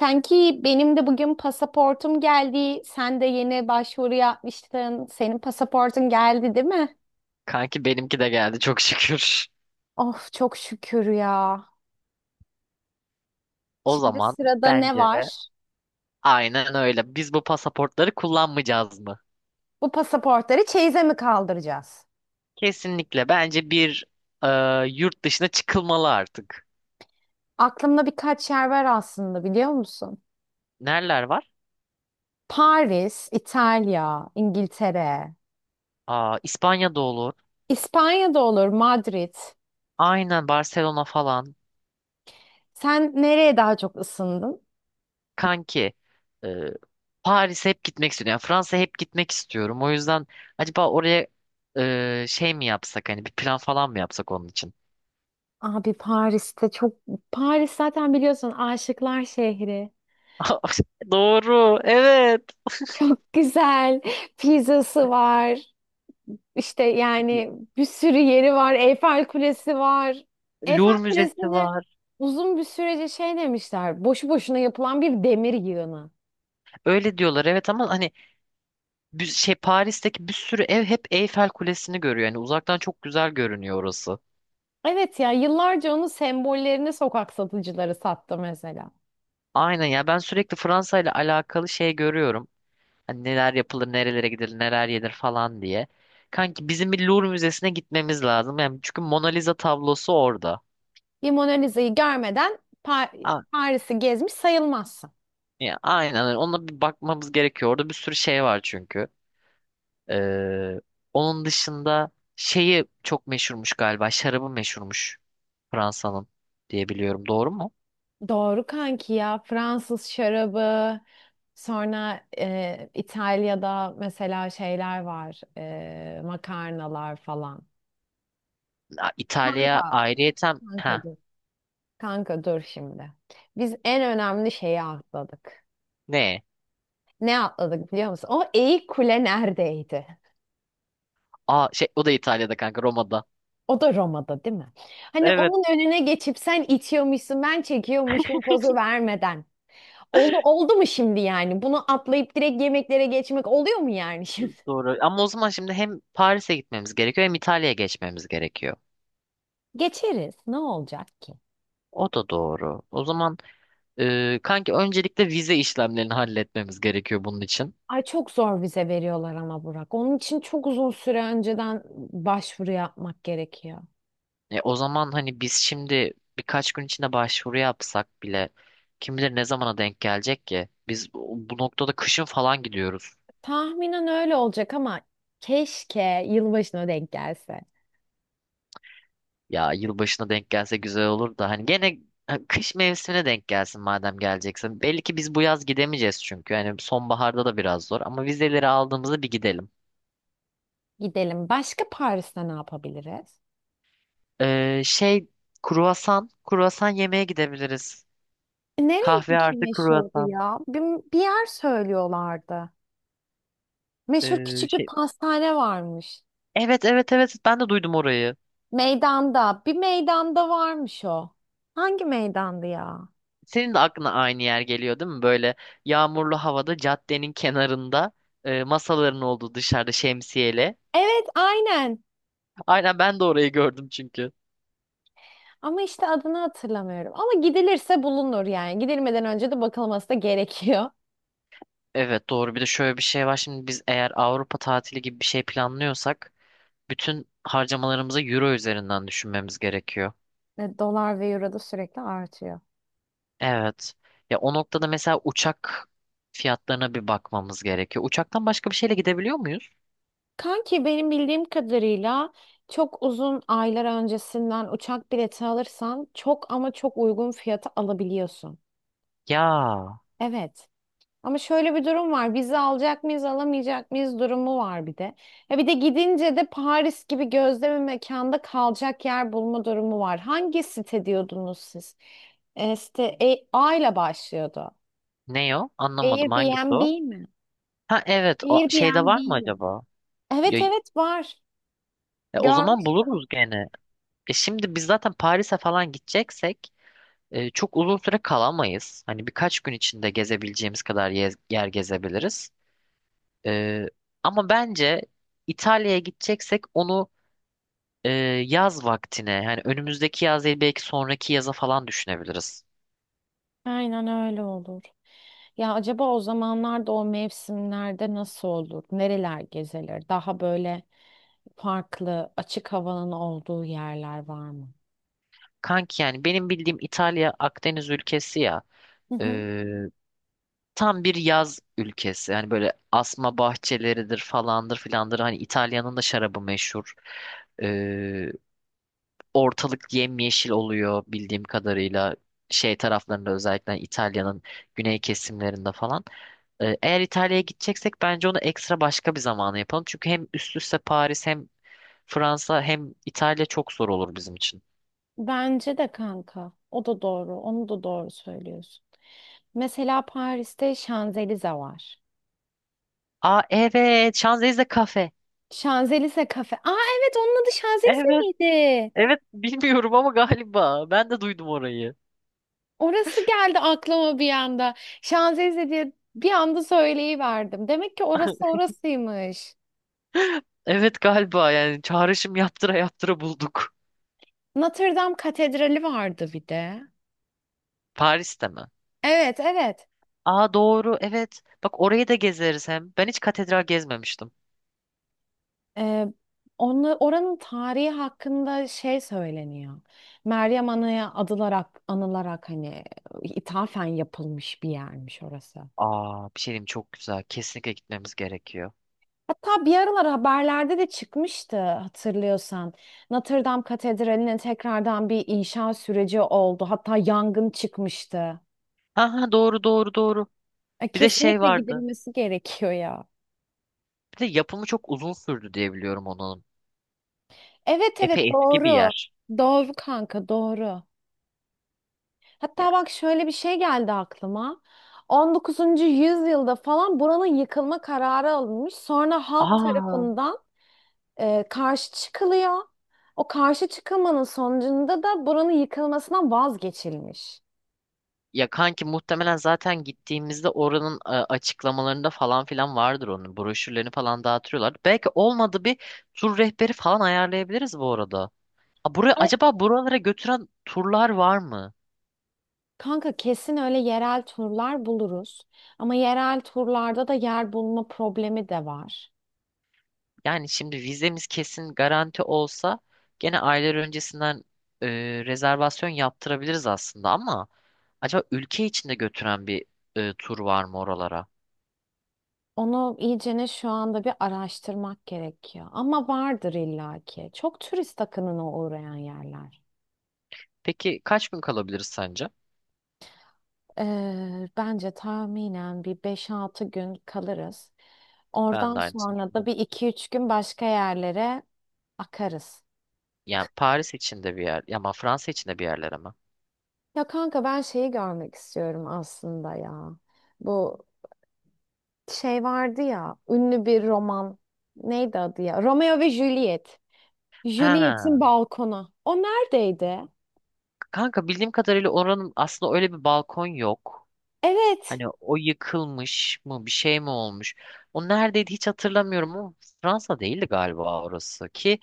Sanki benim de bugün pasaportum geldi. Sen de yeni başvuru yapmıştın. Senin pasaportun geldi, değil mi? Kanki benimki de geldi çok şükür. Of çok şükür ya. O Şimdi zaman sırada ne bence var? aynen öyle. Biz bu pasaportları kullanmayacağız mı? Bu pasaportları çeyize mi kaldıracağız? Kesinlikle. Bence bir e, yurt dışına çıkılmalı artık. Aklımda birkaç yer var aslında biliyor musun? Nereler var? Paris, İtalya, İngiltere, Aa, İspanya'da olur. İspanya'da olur, Madrid. Aynen Barcelona falan. Sen nereye daha çok ısındın? Kanki e, Paris'e hep gitmek istiyorum. Yani Fransa'ya hep gitmek istiyorum. O yüzden acaba oraya şey mi yapsak? Hani bir plan falan mı yapsak onun için? Abi Paris'te çok... Paris zaten biliyorsun aşıklar şehri. Doğru. Evet. Çok güzel. Pizzası var. İşte yani bir sürü yeri var. Eyfel Kulesi var. Eyfel Louvre Müzesi Kulesi'ne var. uzun bir sürece şey demişler. Boşu boşuna yapılan bir demir yığını. Öyle diyorlar evet ama hani bir şey Paris'teki bir sürü ev hep Eyfel Kulesi'ni görüyor. Yani uzaktan çok güzel görünüyor orası. Evet ya yıllarca onun sembollerini sokak satıcıları sattı mesela. Aynen ya ben sürekli Fransa ile alakalı şey görüyorum. Hani neler yapılır, nerelere gidilir, neler yenir falan diye. Kanki bizim bir Louvre Müzesi'ne gitmemiz lazım. Yani çünkü Mona Lisa tablosu orada. Bir Mona Lisa'yı görmeden A- Paris'i gezmiş sayılmaz. ya aynen öyle. Ona bir bakmamız gerekiyor. Orada bir sürü şey var çünkü. Ee, onun dışında şeyi çok meşhurmuş galiba. Şarabı meşhurmuş Fransa'nın diye biliyorum. Doğru mu? Doğru kanki ya Fransız şarabı sonra İtalya'da mesela şeyler var makarnalar falan. Ya İtalya Kanka. ayrıyeten Kanka ha dur. Kanka dur şimdi. Biz en önemli şeyi atladık. ne? Ne atladık biliyor musun? O eğik kule neredeydi? Aa şey o da İtalya'da kanka Roma'da. O da Roma'da değil mi? Hani Evet onun önüne geçip sen itiyormuşsun ben çekiyormuşum pozu vermeden. Oldu, oldu mu şimdi yani? Bunu atlayıp direkt yemeklere geçmek oluyor mu yani şimdi? doğru. Ama o zaman şimdi hem Paris'e gitmemiz gerekiyor hem İtalya'ya geçmemiz gerekiyor. Geçeriz. Ne olacak ki? O da doğru. O zaman kanki öncelikle vize işlemlerini halletmemiz gerekiyor bunun için. Ay çok zor vize veriyorlar ama Burak. Onun için çok uzun süre önceden başvuru yapmak gerekiyor. O zaman hani biz şimdi birkaç gün içinde başvuru yapsak bile kim bilir ne zamana denk gelecek ki? Biz bu noktada kışın falan gidiyoruz. Tahminen öyle olacak ama keşke yılbaşına denk gelse. Ya yılbaşına denk gelse güzel olur da hani gene ha, kış mevsimine denk gelsin madem geleceksin. Belli ki biz bu yaz gidemeyeceğiz çünkü. Yani sonbaharda da biraz zor ama vizeleri aldığımızda bir gidelim. Gidelim. Başka Paris'te ne yapabiliriz? Şey kruvasan, kruvasan yemeye gidebiliriz. Kahve Nereninki artı meşhurdu kruvasan. ya? Bir yer söylüyorlardı. Meşhur Ee, küçük bir şey pastane varmış. Evet evet evet ben de duydum orayı. Meydanda. Bir meydanda varmış o. Hangi meydandı ya? Senin de aklına aynı yer geliyor değil mi? Böyle yağmurlu havada caddenin kenarında masaların olduğu dışarıda şemsiyeyle. Evet, aynen. Aynen ben de orayı gördüm çünkü. Ama işte adını hatırlamıyorum. Ama gidilirse bulunur yani. Gidilmeden önce de bakılması da gerekiyor. Evet doğru. Bir de şöyle bir şey var. Şimdi biz eğer Avrupa tatili gibi bir şey planlıyorsak bütün harcamalarımızı euro üzerinden düşünmemiz gerekiyor. Ve dolar ve euro da sürekli artıyor. Evet. Ya o noktada mesela uçak fiyatlarına bir bakmamız gerekiyor. Uçaktan başka bir şeyle gidebiliyor muyuz? Kanki benim bildiğim kadarıyla çok uzun aylar öncesinden uçak bileti alırsan çok ama çok uygun fiyata alabiliyorsun. Ya Evet. Ama şöyle bir durum var. Vize alacak mıyız, alamayacak mıyız durumu var bir de. Ya bir de gidince de Paris gibi gözde bir mekanda kalacak yer bulma durumu var. Hangi site diyordunuz siz? Site A ile başlıyordu. ne o? Anlamadım hangisi Airbnb o? mi? Ha evet o şeyde Airbnb var mı ile. acaba? Ya, Evet evet var. O zaman Görmüş. buluruz gene. E şimdi biz zaten Paris'e falan gideceksek çok uzun süre kalamayız. Hani birkaç gün içinde gezebileceğimiz kadar yer gezebiliriz. Ee, ama bence İtalya'ya gideceksek onu e, yaz vaktine yani önümüzdeki yaz değil belki sonraki yaza falan düşünebiliriz. Aynen öyle olur. Ya acaba o zamanlarda o mevsimlerde nasıl olur? Nereler gezilir? Daha böyle farklı açık havanın olduğu yerler var mı? Kanki yani benim bildiğim İtalya Akdeniz ülkesi ya e, tam bir yaz ülkesi. Yani böyle asma bahçeleridir falandır filandır hani İtalya'nın da şarabı meşhur. Ortalık yemyeşil oluyor bildiğim kadarıyla şey taraflarında özellikle İtalya'nın güney kesimlerinde falan. Eğer İtalya'ya gideceksek bence onu ekstra başka bir zamana yapalım. Çünkü hem üst üste Paris hem Fransa hem İtalya çok zor olur bizim için. Bence de kanka. O da doğru. Onu da doğru söylüyorsun. Mesela Paris'te Şanzelize var. Aa evet Şanzelize kafe. Şanzelize kafe. Aa evet onun adı Şanzelize Evet miydi? evet bilmiyorum ama galiba ben de duydum orayı. Orası geldi aklıma bir anda. Şanzelize diye bir anda söyleyiverdim. Demek ki orası orasıymış. Evet galiba yani çağrışım yaptıra yaptıra bulduk. Notre Dame Katedrali vardı bir de. Paris'te mi? Evet evet. Aa doğru evet. Bak orayı da gezeriz hem. Ben hiç katedral gezmemiştim. Ee, Oranın tarihi hakkında şey söyleniyor. Meryem Ana'ya adılarak, anılarak hani ithafen yapılmış bir yermiş orası. Aa bir şey diyeyim çok güzel. Kesinlikle gitmemiz gerekiyor. Hatta bir aralar haberlerde de çıkmıştı hatırlıyorsan. Notre Dame Katedrali'ne tekrardan bir inşa süreci oldu. Hatta yangın çıkmıştı. Ha ha doğru doğru doğru. Bir de şey Kesinlikle vardı. gidilmesi gerekiyor ya. Bir de yapımı çok uzun sürdü diye biliyorum onun. Evet evet Epey eski bir doğru. yer. Doğru kanka doğru. Ya, Hatta bak şöyle bir şey geldi aklıma. 19. yüzyılda falan buranın yıkılma kararı alınmış. Sonra halk aa tarafından karşı çıkılıyor. O karşı çıkılmanın sonucunda da buranın yıkılmasından vazgeçilmiş. ya kanki muhtemelen zaten gittiğimizde oranın açıklamalarında falan filan vardır onun. Broşürlerini falan dağıtıyorlar. Belki olmadı bir tur rehberi falan ayarlayabiliriz bu arada. Aa, buraya, Ay, acaba buralara götüren turlar var mı? kanka kesin öyle yerel turlar buluruz. Ama yerel turlarda da yer bulma problemi de var. Yani şimdi vizemiz kesin garanti olsa gene aylar öncesinden e, rezervasyon yaptırabiliriz aslında ama acaba ülke içinde götüren bir tur var mı oralara? Onu iyicene şu anda bir araştırmak gerekiyor. Ama vardır illaki. Çok turist akınına uğrayan yerler. Peki kaç gün kalabiliriz sence? Bence tahminen bir 5-6 gün kalırız. Ben Oradan de aynısını sonra da düşündüm. bir iki üç gün başka yerlere akarız. Yani Paris içinde bir yer, ya ama Fransa içinde bir yerlere mi? Ya kanka ben şeyi görmek istiyorum aslında ya. Bu şey vardı ya ünlü bir roman. Neydi adı ya? Romeo ve Juliet. Juliet'in Ha, balkonu. O neredeydi? kanka bildiğim kadarıyla oranın aslında öyle bir balkon yok. Evet. Hani o yıkılmış mı bir şey mi olmuş? O neredeydi hiç hatırlamıyorum ama Fransa değildi galiba orası ki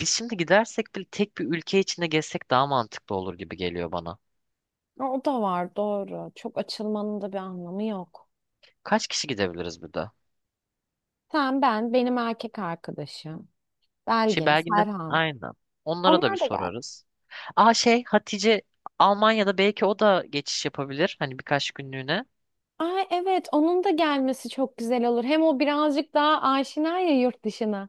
biz şimdi gidersek bile tek bir ülke içinde gezsek daha mantıklı olur gibi geliyor bana. O da var doğru. Çok açılmanın da bir anlamı yok. Kaç kişi gidebiliriz bir de? Sen, ben, benim erkek arkadaşım. Şey Belgin, Belgin'le Serhan. aynen. Onlara da bir Onlar da geldi. sorarız. Aa şey Hatice Almanya'da belki o da geçiş yapabilir. Hani birkaç günlüğüne. Ay evet onun da gelmesi çok güzel olur. Hem o birazcık daha aşina ya yurt dışına.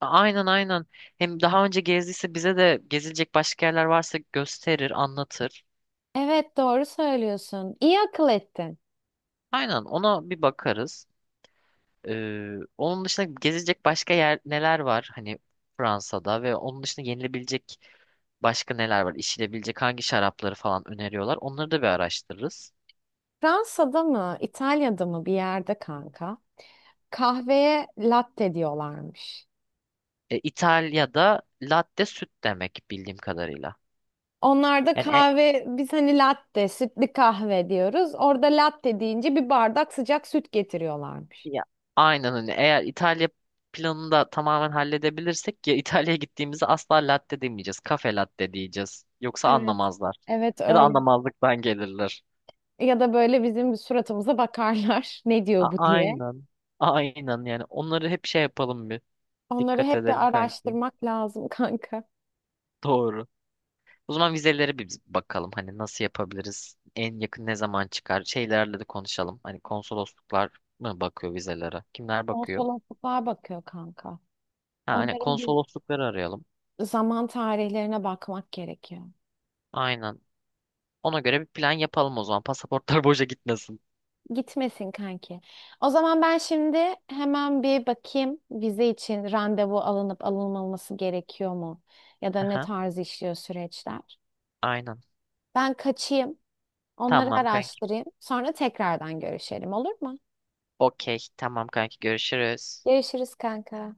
Aynen aynen. Hem daha önce gezdiyse bize de gezilecek başka yerler varsa gösterir, anlatır. Evet doğru söylüyorsun. İyi akıl ettin. Aynen ona bir bakarız. Onun dışında gezecek başka yer neler var? Hani Fransa'da ve onun dışında yenilebilecek başka neler var? İçilebilecek hangi şarapları falan öneriyorlar? Onları da bir araştırırız. Fransa'da mı, İtalya'da mı bir yerde kanka? Kahveye latte diyorlarmış. E, İtalya'da latte süt demek bildiğim kadarıyla. Onlarda Yani kahve biz hani latte, sütlü kahve diyoruz. Orada latte deyince bir bardak sıcak süt getiriyorlarmış. ya, aynen hani eğer İtalya planını da tamamen halledebilirsek ya İtalya'ya gittiğimizde asla latte demeyeceğiz. Kafe latte diyeceğiz. Yoksa Evet. anlamazlar. Evet Ya da öyle. anlamazlıktan gelirler. Ya da böyle bizim suratımıza bakarlar. Ne diyor bu diye. Aynen. Aynen yani onları hep şey yapalım bir. Onları Dikkat hep bir edelim kanki. araştırmak lazım kanka. Doğru. O zaman vizelere bir biz bakalım. Hani nasıl yapabiliriz? En yakın ne zaman çıkar? Şeylerle de konuşalım. Hani konsolosluklar mı bakıyor vizelere? Kimler bakıyor? Konsolosluklar bakıyor kanka. Ha, hani Onların bir konsoloslukları arayalım. zaman tarihlerine bakmak gerekiyor. Aynen. Ona göre bir plan yapalım o zaman. Pasaportlar boşa gitmesin. Gitmesin kanki. O zaman ben şimdi hemen bir bakayım vize için randevu alınıp alınmaması gerekiyor mu? Ya da ne Aha, tarz işliyor süreçler? aynen. Ben kaçayım, onları Tamam kanki. araştırayım. Sonra tekrardan görüşelim olur mu? Okey. Tamam kanki. Görüşürüz. Görüşürüz kanka.